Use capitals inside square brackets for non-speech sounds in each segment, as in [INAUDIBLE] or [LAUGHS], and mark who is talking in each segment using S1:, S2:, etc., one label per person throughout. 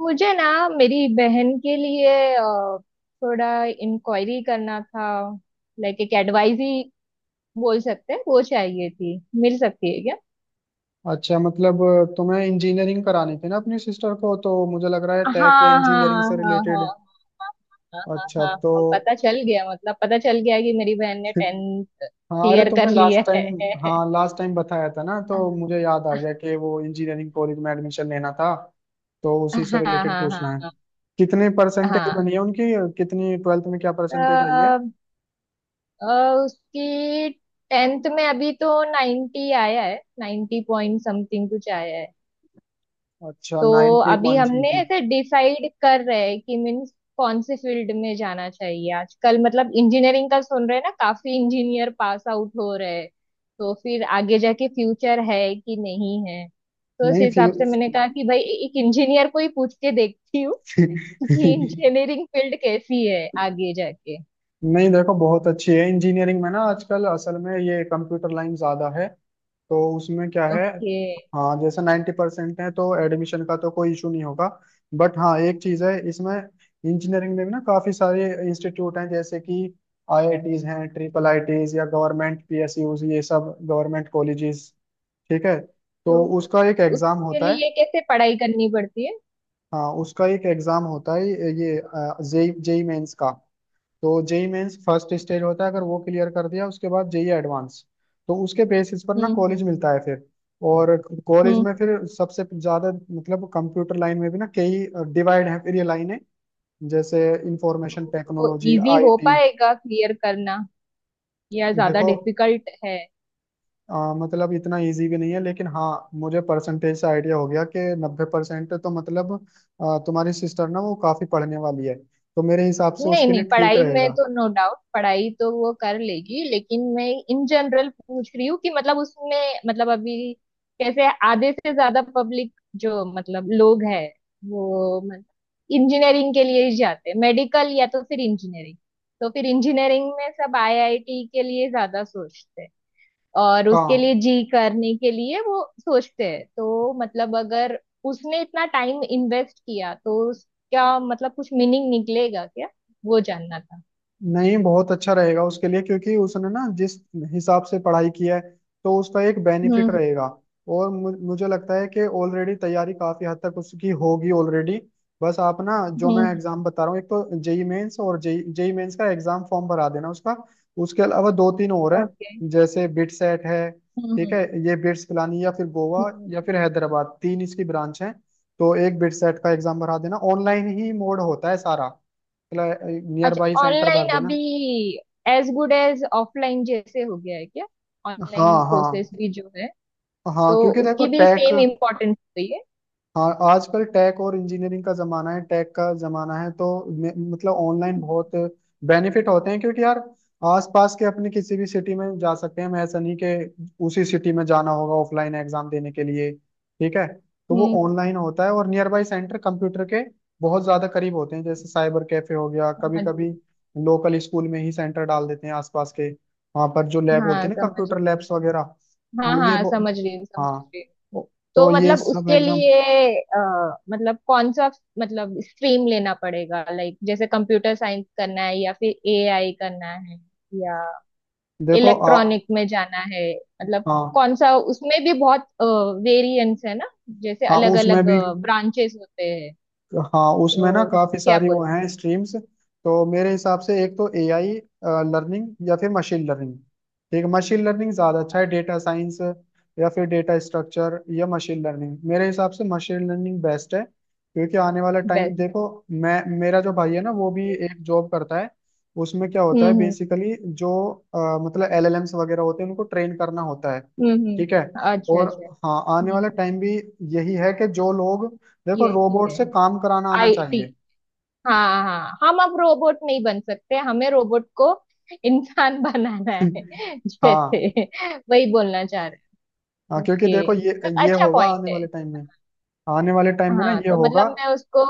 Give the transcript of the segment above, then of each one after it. S1: मुझे ना मेरी बहन के लिए थोड़ा इंक्वायरी करना था। लाइक एक एडवाइस ही बोल सकते हैं। वो चाहिए थी, मिल सकती है क्या?
S2: अच्छा, मतलब तुम्हें इंजीनियरिंग करानी थी ना अपनी सिस्टर को, तो मुझे लग रहा है टेक या
S1: हाँ
S2: इंजीनियरिंग
S1: हाँ,
S2: से
S1: हाँ हाँ,
S2: रिलेटेड।
S1: हाँ हाँ,
S2: अच्छा
S1: हाँ
S2: तो
S1: हाँ, पता चल गया। मतलब पता चल गया कि मेरी बहन ने
S2: [LAUGHS]
S1: टेंथ
S2: हाँ। अरे
S1: क्लियर कर
S2: तुमने लास्ट
S1: लिया है।
S2: टाइम हाँ, लास्ट टाइम बताया था ना, तो
S1: हाँ
S2: मुझे याद आ गया कि वो इंजीनियरिंग कॉलेज में एडमिशन लेना था। तो उसी से
S1: हाँ,
S2: रिलेटेड
S1: हाँ
S2: पूछना है।
S1: हाँ
S2: कितने परसेंटेज
S1: हाँ।
S2: बनी है उनकी? कितनी ट्वेल्थ में क्या
S1: अ,
S2: परसेंटेज आई है?
S1: उसकी टेंथ में अभी तो 90 आया है, 90 पॉइंट समथिंग कुछ आया है।
S2: अच्छा,
S1: तो
S2: 90
S1: अभी
S2: पॉइंट्स में
S1: हमने
S2: थी।
S1: ऐसे डिसाइड कर रहे हैं कि मीन्स कौन से फील्ड में जाना चाहिए आजकल। मतलब इंजीनियरिंग का सुन रहे हैं ना, काफी इंजीनियर पास आउट हो रहे हैं। तो फिर आगे जाके फ्यूचर है कि नहीं है। तो उस
S2: नहीं फ्यू
S1: हिसाब से मैंने कहा कि भाई एक इंजीनियर को ही पूछ के देखती हूँ कि
S2: [LAUGHS]
S1: इंजीनियरिंग फील्ड कैसी है आगे जाके।
S2: नहीं, देखो बहुत अच्छी है इंजीनियरिंग में ना। आजकल असल में ये कंप्यूटर लाइन ज्यादा है। तो उसमें क्या है।
S1: ओके।
S2: हाँ, जैसे नाइन्टी परसेंट है तो एडमिशन का तो कोई इशू नहीं होगा। बट हाँ एक चीज़ है इसमें। इंजीनियरिंग में भी ना काफ़ी सारे इंस्टीट्यूट हैं जैसे कि आईआईटीज हैं, ट्रिपल आईटीज या गवर्नमेंट पीएसयूज, ये सब गवर्नमेंट कॉलेजेस। ठीक है। तो
S1: तो
S2: उसका एक एग्ज़ाम
S1: उसके
S2: होता है।
S1: लिए कैसे पढ़ाई करनी पड़ती है?
S2: हाँ, उसका एक एग्ज़ाम होता है। ये जेई जेई मेंस का। तो जेई मेंस फर्स्ट स्टेज होता है, अगर वो क्लियर कर दिया उसके बाद जेई एडवांस। तो उसके बेसिस पर ना
S1: हम्म हम्म
S2: कॉलेज मिलता है फिर। और कॉलेज
S1: हम्म।
S2: में फिर सबसे ज्यादा मतलब कंप्यूटर लाइन में भी ना कई डिवाइड है फिर ये लाइनें, जैसे इंफॉर्मेशन
S1: तो
S2: टेक्नोलॉजी,
S1: इजी हो
S2: आईटी।
S1: पाएगा क्लियर करना या ज्यादा
S2: देखो
S1: डिफिकल्ट है?
S2: मतलब इतना इजी भी नहीं है, लेकिन हाँ मुझे परसेंटेज से आइडिया हो गया कि नब्बे परसेंट तो मतलब तुम्हारी सिस्टर ना वो काफी पढ़ने वाली है, तो मेरे हिसाब से
S1: नहीं
S2: उसके लिए
S1: नहीं,
S2: ठीक
S1: पढ़ाई में
S2: रहेगा।
S1: तो नो डाउट, पढ़ाई तो वो कर लेगी। लेकिन मैं इन जनरल पूछ रही हूँ कि मतलब उसमें मतलब अभी कैसे आधे से ज्यादा पब्लिक जो मतलब लोग है वो मतलब इंजीनियरिंग के लिए ही जाते हैं। मेडिकल या तो फिर इंजीनियरिंग। तो फिर इंजीनियरिंग में सब आईआईटी के लिए ज्यादा सोचते हैं, और उसके
S2: हाँ।
S1: लिए जी करने के लिए वो सोचते हैं। तो मतलब अगर उसने इतना टाइम इन्वेस्ट किया तो उसका मतलब कुछ मीनिंग निकलेगा क्या, वो जानना था।
S2: नहीं, बहुत अच्छा रहेगा उसके लिए, क्योंकि उसने ना जिस हिसाब से पढ़ाई की है तो उसका एक बेनिफिट
S1: हम्म
S2: रहेगा। और मुझे लगता है कि ऑलरेडी तैयारी काफी हद तक उसकी होगी ऑलरेडी। बस आप ना जो मैं
S1: हम्म।
S2: एग्जाम बता रहा हूँ, एक तो जेई मेंस, और जेई जेई मेंस का एग्जाम फॉर्म भरा देना उसका। उसके अलावा दो तीन और हैं,
S1: ओके।
S2: जैसे बिट सेट है। ठीक
S1: हम्म
S2: है, ये बिट्स पिलानी या फिर गोवा
S1: हम्म।
S2: या फिर हैदराबाद, तीन इसकी ब्रांच है। तो एक बिट सेट का एग्जाम भरा देना, ऑनलाइन ही मोड होता है सारा, नियर
S1: अच्छा
S2: बाई सेंटर
S1: ऑनलाइन
S2: भर देना।
S1: अभी एज गुड एज ऑफलाइन जैसे हो गया है क्या?
S2: हाँ
S1: ऑनलाइन
S2: हाँ
S1: कोर्सेस भी जो है
S2: हाँ,
S1: तो
S2: क्योंकि देखो
S1: उसकी भी
S2: टेक,
S1: सेम इम्पोर्टेंस होती है।
S2: हाँ आजकल टेक और इंजीनियरिंग का जमाना है, टेक का जमाना है। तो मतलब ऑनलाइन
S1: हम्म
S2: बहुत बेनिफिट होते हैं, क्योंकि यार आसपास के अपने किसी भी सिटी में जा सकते हैं हम, ऐसा नहीं कि उसी सिटी में जाना होगा ऑफलाइन एग्जाम देने के लिए। ठीक है। तो वो
S1: हम्म,
S2: ऑनलाइन होता है, और नियर बाई सेंटर कंप्यूटर के बहुत ज्यादा करीब होते हैं, जैसे साइबर कैफे हो गया, कभी
S1: समझ रही हूँ।
S2: कभी लोकल स्कूल में ही सेंटर डाल देते हैं आसपास के, वहां पर जो लैब होती
S1: हाँ
S2: है ना,
S1: समझ
S2: कंप्यूटर
S1: रही हूँ,
S2: लैब्स वगैरह,
S1: हाँ
S2: तो ये
S1: हाँ, समझ रही हूँ, समझ
S2: हाँ,
S1: रही हूँ। तो
S2: तो ये
S1: मतलब
S2: सब
S1: उसके
S2: एग्जाम।
S1: लिए मतलब कौन सा मतलब स्ट्रीम लेना पड़ेगा? लाइक जैसे कंप्यूटर साइंस करना है या फिर एआई करना है या
S2: देखो आ
S1: इलेक्ट्रॉनिक में जाना है? मतलब
S2: हाँ।
S1: कौन सा, उसमें भी बहुत वेरिएंस है ना, जैसे
S2: हाँ,
S1: अलग
S2: उसमें
S1: अलग
S2: भी।
S1: ब्रांचेस होते हैं।
S2: हाँ, उसमें ना
S1: तो
S2: काफी
S1: क्या
S2: सारी वो हैं
S1: बोलोगे
S2: स्ट्रीम्स, तो मेरे हिसाब से एक तो एआई लर्निंग या फिर मशीन लर्निंग। ठीक, मशीन लर्निंग ज्यादा अच्छा है, डेटा साइंस या फिर डेटा स्ट्रक्चर या मशीन लर्निंग, मेरे हिसाब से मशीन लर्निंग बेस्ट है। क्योंकि आने वाला टाइम
S1: बेस्ट
S2: देखो, मैं, मेरा जो भाई है ना वो भी
S1: के?
S2: एक जॉब करता है, उसमें क्या होता है
S1: हम्म,
S2: बेसिकली जो मतलब एलएलएम्स वगैरह होते हैं उनको ट्रेन करना होता है।
S1: हम्म हम्म।
S2: ठीक है।
S1: अच्छा
S2: और
S1: अच्छा।
S2: हाँ, आने
S1: हम्म
S2: वाला
S1: हम्म।
S2: टाइम भी यही है कि जो लोग, देखो,
S1: ये भी
S2: रोबोट
S1: है
S2: से काम कराना आना
S1: आईटी।
S2: चाहिए।
S1: हाँ हाँ, हम अब रोबोट नहीं बन सकते, हमें रोबोट को इंसान [LAUGHS] बनाना है
S2: [LAUGHS] हाँ
S1: जैसे, वही बोलना चाह रहे
S2: हाँ,
S1: हैं।
S2: क्योंकि देखो
S1: ओके,
S2: ये
S1: मतलब
S2: ये
S1: अच्छा
S2: होगा आने
S1: पॉइंट है।
S2: वाले टाइम में। आने वाले टाइम में ना
S1: हाँ
S2: ये
S1: तो
S2: होगा।
S1: मतलब मैं उसको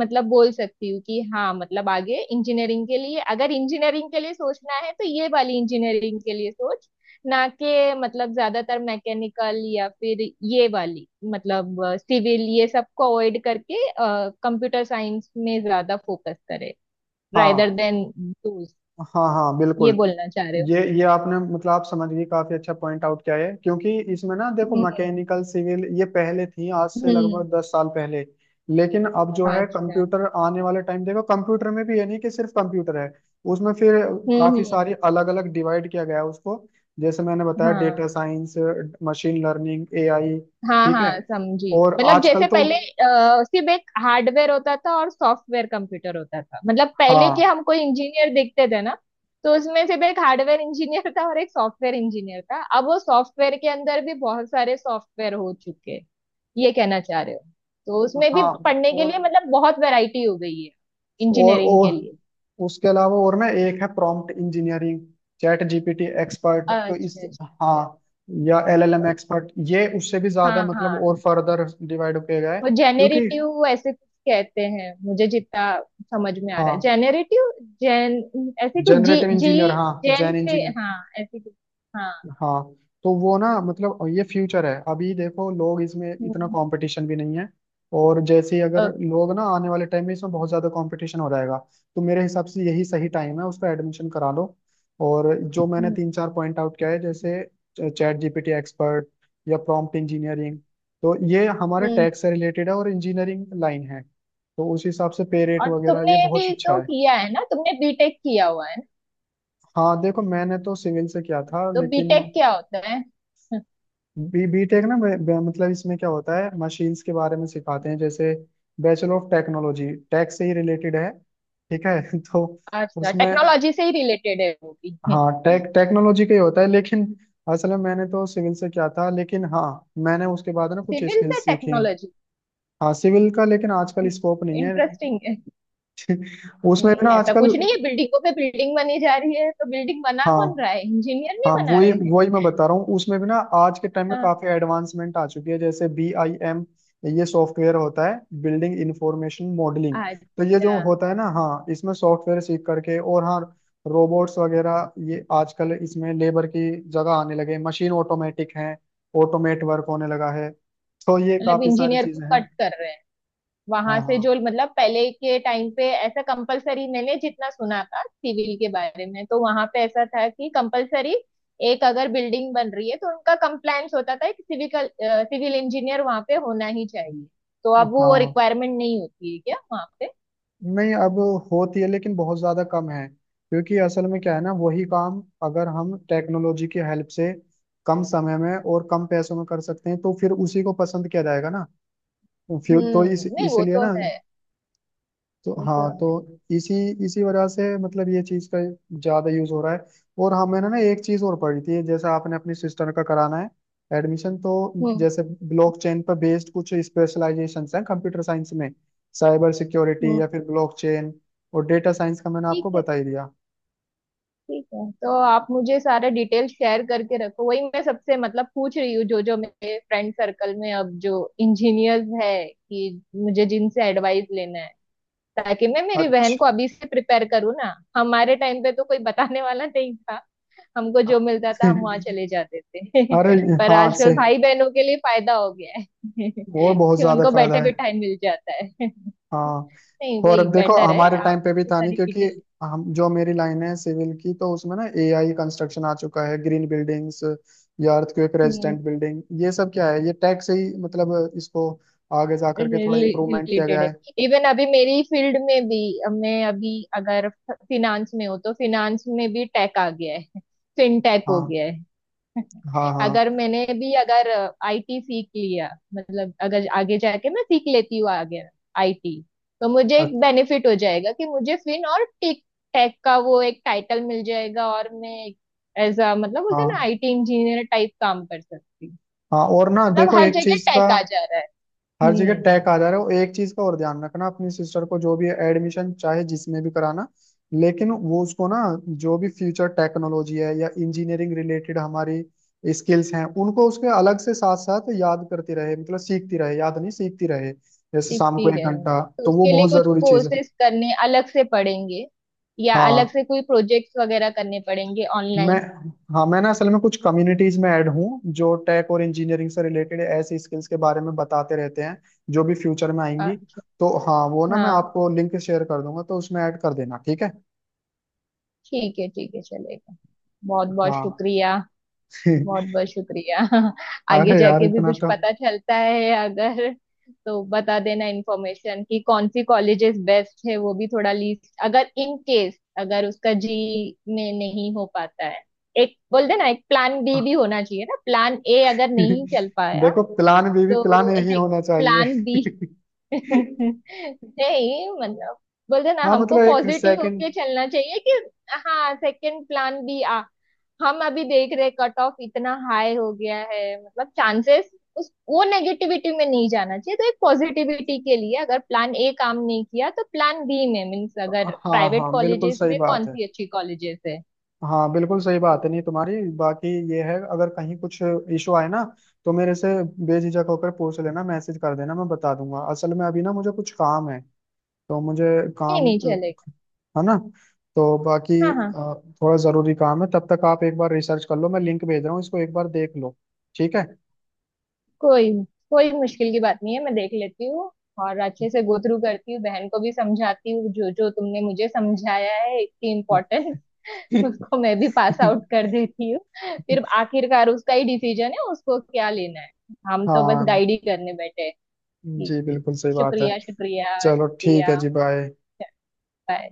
S1: मतलब बोल सकती हूँ कि हाँ मतलब आगे इंजीनियरिंग के लिए, अगर इंजीनियरिंग के लिए सोचना है तो ये वाली इंजीनियरिंग के लिए सोच, ना कि मतलब ज्यादातर मैकेनिकल या फिर ये वाली मतलब सिविल, ये सब को अवॉइड करके कंप्यूटर साइंस में ज्यादा फोकस करे रादर
S2: हाँ
S1: देन दूस
S2: हाँ हाँ,
S1: ये
S2: बिल्कुल।
S1: बोलना चाह रहे हो।
S2: ये आपने मतलब आप समझ गए, काफी अच्छा पॉइंट आउट किया है, क्योंकि इसमें ना देखो,
S1: हम्म
S2: मैकेनिकल, सिविल, ये पहले थी, आज से
S1: हम्म।
S2: लगभग 10 साल पहले। लेकिन अब जो है
S1: अच्छा।
S2: कंप्यूटर, आने वाले टाइम देखो, कंप्यूटर में भी ये नहीं कि सिर्फ कंप्यूटर है, उसमें फिर काफी
S1: हम्म।
S2: सारी अलग अलग डिवाइड किया गया है उसको, जैसे मैंने बताया डेटा
S1: हाँ
S2: साइंस, मशीन लर्निंग, एआई।
S1: हाँ
S2: ठीक है।
S1: हाँ समझी।
S2: और
S1: मतलब
S2: आजकल
S1: जैसे
S2: तो,
S1: पहले सिर्फ एक हार्डवेयर होता था और सॉफ्टवेयर कंप्यूटर होता था, मतलब पहले के
S2: हाँ
S1: हम कोई इंजीनियर देखते थे ना, तो उसमें सिर्फ एक हार्डवेयर इंजीनियर था और एक सॉफ्टवेयर इंजीनियर था। अब वो सॉफ्टवेयर के अंदर भी बहुत सारे सॉफ्टवेयर हो चुके हैं, ये कहना चाह रहे हो? तो उसमें भी
S2: हाँ,
S1: पढ़ने के
S2: और
S1: लिए मतलब बहुत वैरायटी हो गई है
S2: और
S1: इंजीनियरिंग के
S2: और
S1: लिए।
S2: उसके अलावा और ना एक है prompt engineering, chat GPT expert,
S1: अच्छा
S2: तो इस
S1: अच्छा
S2: हाँ,
S1: अच्छा।
S2: या एलएलएम एक्सपर्ट, ये उससे भी
S1: हाँ
S2: ज्यादा मतलब और
S1: हाँ,
S2: फर्दर डिवाइड किया गया है,
S1: वो
S2: क्योंकि
S1: जेनेरेटिव ऐसे कुछ कहते हैं, मुझे जितना समझ में आ रहा है,
S2: हाँ
S1: जेनेरेटिव जेन ऐसे कुछ, जी
S2: जनरेटिव
S1: जी
S2: इंजीनियर, हाँ
S1: जेन
S2: जैन
S1: से,
S2: इंजीनियर,
S1: हाँ ऐसे कुछ। हाँ।
S2: हाँ। तो वो ना मतलब ये फ्यूचर है, अभी देखो लोग, इसमें इतना
S1: हम्म।
S2: कंपटीशन भी नहीं है, और जैसे ही अगर
S1: ओके,
S2: लोग ना आने वाले टाइम में इसमें बहुत ज्यादा कंपटीशन हो जाएगा। तो मेरे हिसाब से यही सही टाइम है, उसका एडमिशन करा लो। और जो मैंने
S1: हम्म,
S2: तीन चार पॉइंट आउट किया है, जैसे चैट जीपीटी एक्सपर्ट या प्रॉम्प्ट इंजीनियरिंग, तो ये हमारे
S1: हम्म।
S2: टैक्स से रिलेटेड है और इंजीनियरिंग लाइन है, तो उस हिसाब से पे रेट
S1: और
S2: वगैरह ये
S1: तुमने
S2: बहुत
S1: भी
S2: अच्छा
S1: तो
S2: है।
S1: किया है ना, तुमने बीटेक किया हुआ है ना?
S2: हाँ देखो, मैंने तो सिविल से किया था,
S1: तो
S2: लेकिन
S1: बीटेक क्या होता है?
S2: बी बीटेक ना मतलब इसमें क्या होता है मशीन्स के बारे में सिखाते हैं, जैसे बैचलर ऑफ टेक्नोलॉजी, टेक से ही रिलेटेड है। ठीक है। [LAUGHS] तो
S1: अच्छा
S2: उसमें
S1: टेक्नोलॉजी से ही रिलेटेड है वो भी?
S2: हाँ टेक, टेक्नोलॉजी का ही होता है, लेकिन असल में मैंने तो सिविल से किया था, लेकिन हाँ मैंने उसके बाद ना कुछ
S1: सिविल से
S2: स्किल्स सीखी।
S1: टेक्नोलॉजी,
S2: हाँ सिविल का, लेकिन आजकल स्कोप नहीं है।
S1: इंटरेस्टिंग।
S2: [LAUGHS] उसमें
S1: नहीं
S2: भी ना
S1: ऐसा
S2: आजकल,
S1: कुछ नहीं है, बिल्डिंगों पे बिल्डिंग बनी जा रही है तो बिल्डिंग बना
S2: हाँ
S1: कौन रहा है, इंजीनियर नहीं
S2: हाँ,
S1: बना
S2: वही
S1: रहे हैं?
S2: वही मैं बता रहा हूँ, उसमें भी ना आज के टाइम में
S1: हाँ।
S2: काफी एडवांसमेंट आ चुकी है, जैसे बी आई एम, ये सॉफ्टवेयर होता है, बिल्डिंग इंफॉर्मेशन मॉडलिंग। तो ये जो
S1: अच्छा
S2: होता है ना, हाँ, इसमें सॉफ्टवेयर सीख करके, और हाँ रोबोट्स वगैरह ये आजकल इसमें लेबर की जगह आने लगे, मशीन ऑटोमेटिक हैं, ऑटोमेट वर्क होने लगा है, तो ये
S1: मतलब
S2: काफी सारी
S1: इंजीनियर को
S2: चीजें हैं।
S1: कट कर रहे हैं
S2: हाँ
S1: वहां से,
S2: हाँ
S1: जो मतलब पहले के टाइम पे ऐसा कंपलसरी मैंने जितना सुना था सिविल के बारे में तो वहां पे ऐसा था कि कंपलसरी, एक अगर बिल्डिंग बन रही है तो उनका कंप्लायंस होता था कि सिविकल सिविल इंजीनियर वहां पे होना ही चाहिए। तो अब वो
S2: हाँ।
S1: रिक्वायरमेंट नहीं होती है क्या वहां पे?
S2: नहीं अब होती है, लेकिन बहुत ज्यादा कम है, क्योंकि असल में क्या है ना, वही काम अगर हम टेक्नोलॉजी की हेल्प से कम समय में और कम पैसों में कर सकते हैं तो फिर उसी को पसंद किया जाएगा ना। तो फिर तो इस
S1: हम्म, नहीं वो
S2: इसलिए
S1: तो
S2: ना।
S1: है,
S2: तो
S1: वो तो
S2: हाँ
S1: है।
S2: तो इसी इसी वजह से मतलब ये चीज का ज्यादा यूज हो रहा है। और हमें ना ना एक चीज और पड़ी थी, जैसे आपने अपनी सिस्टर का कराना है एडमिशन, तो
S1: हम्म
S2: जैसे ब्लॉकचेन पर बेस्ड कुछ स्पेशलाइजेशंस हैं कंप्यूटर साइंस में, साइबर सिक्योरिटी
S1: हम्म।
S2: या फिर ब्लॉकचेन, और डेटा साइंस का मैंने
S1: ठीक
S2: आपको
S1: है,
S2: बता ही दिया।
S1: ठीक है। तो आप मुझे सारे डिटेल शेयर करके रखो। वही मैं सबसे मतलब पूछ रही हूँ, जो जो मेरे फ्रेंड सर्कल में अब जो इंजीनियर्स है कि मुझे जिनसे एडवाइस लेना है, ताकि मैं मेरी बहन
S2: अच्छा।
S1: को अभी से प्रिपेयर करूँ ना। हमारे टाइम पे तो कोई बताने वाला नहीं था, हमको जो मिलता था हम वहां चले
S2: [LAUGHS]
S1: जाते थे।
S2: अरे,
S1: [LAUGHS] पर
S2: हाँ से,
S1: आजकल भाई बहनों के लिए फायदा हो गया है, [LAUGHS]
S2: और बहुत
S1: कि
S2: ज्यादा
S1: उनको बैठे
S2: फायदा है।
S1: बिठाए मिल जाता है। [LAUGHS]
S2: हाँ।
S1: नहीं
S2: और
S1: वही
S2: अब देखो,
S1: बेटर है,
S2: हमारे
S1: आप
S2: टाइम पे भी
S1: मुझे
S2: था नहीं,
S1: सारी
S2: क्योंकि
S1: डिटेल
S2: हम, जो मेरी लाइन है सिविल की, तो उसमें ना एआई कंस्ट्रक्शन आ चुका है, ग्रीन बिल्डिंग्स या अर्थक्वेक रेजिस्टेंट बिल्डिंग, ये सब क्या है, ये टेक से ही मतलब इसको आगे जा करके थोड़ा इम्प्रूवमेंट किया गया
S1: रिलेटेड है।
S2: है।
S1: इवन अभी मेरी फील्ड में भी, मैं अभी अगर फिनांस में हो तो फिनांस में भी टेक आ गया है, फिनटेक हो
S2: हाँ
S1: गया है।
S2: हाँ
S1: अगर
S2: हाँ।
S1: मैंने भी अगर आईटी सीख लिया, मतलब अगर आगे जाके मैं सीख लेती हूँ आगे आईटी, तो मुझे एक
S2: अच्छा,
S1: बेनिफिट हो जाएगा कि मुझे फिन और टेक, टेक का वो एक टाइटल मिल जाएगा और मैं एज अ मतलब बोलते हैं
S2: हाँ
S1: ना आईटी इंजीनियर टाइप काम कर सकती हूँ।
S2: हाँ। और ना
S1: मतलब
S2: देखो
S1: हर
S2: एक
S1: जगह
S2: चीज का,
S1: टेक आ जा रहा है।
S2: हर जगह
S1: हम्म,
S2: टैग आ जा रहा है। और एक चीज का और ध्यान रखना, अपनी सिस्टर को जो भी एडमिशन चाहे जिसमें भी कराना, लेकिन वो उसको ना, जो भी फ्यूचर टेक्नोलॉजी है या इंजीनियरिंग रिलेटेड हमारी स्किल्स हैं उनको उसके अलग से साथ साथ याद करती रहे, मतलब सीखती रहे, याद नहीं, सीखती रहे। जैसे
S1: सीख
S2: शाम को
S1: भी
S2: एक
S1: रहे हैं।
S2: घंटा
S1: तो
S2: तो वो
S1: उसके लिए
S2: बहुत
S1: कुछ
S2: जरूरी चीज है।
S1: कोर्सेज करने अलग से पड़ेंगे या अलग
S2: हाँ।
S1: से कोई प्रोजेक्ट्स वगैरह करने पड़ेंगे
S2: मैं
S1: ऑनलाइन?
S2: हाँ, मैं ना असल में कुछ कम्युनिटीज में ऐड हूँ जो टेक और इंजीनियरिंग से रिलेटेड ऐसी स्किल्स के बारे में बताते रहते हैं, जो भी फ्यूचर में आएंगी।
S1: अच्छा।
S2: तो हाँ वो ना,
S1: हाँ।
S2: मैं आपको लिंक शेयर कर दूंगा, तो उसमें ऐड कर देना, ठीक है।
S1: ठीक है ठीक है, चलेगा। बहुत बहुत
S2: हाँ।
S1: शुक्रिया, बहुत
S2: [LAUGHS]
S1: बहुत शुक्रिया। [LAUGHS] आगे
S2: अरे यार,
S1: जाके भी
S2: इतना
S1: कुछ
S2: तो
S1: पता चलता है अगर तो बता देना इन्फॉर्मेशन कि कौन सी कॉलेजेस बेस्ट है। वो भी थोड़ा लिस्ट, अगर इन केस अगर उसका जी में नहीं हो पाता है, एक बोल देना। एक प्लान बी भी होना चाहिए ना, प्लान ए अगर नहीं
S2: [LAUGHS]
S1: चल पाया
S2: देखो, प्लान बी भी प्लान
S1: तो
S2: ए ही
S1: एक
S2: होना चाहिए।
S1: Plan B. [LAUGHS]
S2: [LAUGHS]
S1: नहीं मतलब, बोलते ना
S2: हाँ
S1: हमको
S2: मतलब एक
S1: पॉजिटिव
S2: सेकंड।
S1: होके चलना चाहिए कि हाँ सेकंड प्लान बी आ हम अभी देख रहे कट ऑफ इतना हाई हो गया है, मतलब चांसेस, उस वो नेगेटिविटी में नहीं जाना चाहिए। तो एक पॉजिटिविटी के लिए अगर प्लान ए काम नहीं किया तो प्लान बी में मीन्स अगर
S2: हाँ
S1: प्राइवेट
S2: हाँ, बिल्कुल
S1: कॉलेजेस
S2: सही
S1: में
S2: बात
S1: कौन
S2: है।
S1: सी अच्छी कॉलेजेस है?
S2: हाँ बिल्कुल सही बात है। नहीं, तुम्हारी बाकी ये है, अगर कहीं कुछ इशू आए ना, तो मेरे से बेझिझक होकर पूछ लेना, मैसेज कर देना, मैं बता दूंगा। असल में अभी ना मुझे कुछ काम है, तो मुझे
S1: ये
S2: काम
S1: नहीं चलेगा।
S2: है ना, तो बाकी
S1: हाँ हाँ।
S2: थोड़ा जरूरी काम है, तब तक आप एक बार रिसर्च कर लो, मैं लिंक भेज रहा हूँ, इसको एक बार देख लो, ठीक है।
S1: कोई कोई मुश्किल की बात नहीं है, मैं देख लेती हूँ और अच्छे से गो थ्रू करती हूँ, बहन को भी समझाती हूँ जो जो तुमने मुझे समझाया है इतनी इम्पोर्टेंट। [LAUGHS] उसको मैं भी पास आउट कर देती हूँ। फिर
S2: [LAUGHS]
S1: आखिरकार उसका ही डिसीजन है उसको क्या लेना है, हम तो बस
S2: हाँ
S1: गाइड ही करने बैठे हैं। ठीक
S2: जी,
S1: है।
S2: बिल्कुल सही बात है।
S1: शुक्रिया शुक्रिया
S2: चलो ठीक
S1: शुक्रिया।
S2: है जी, बाय।
S1: बाय।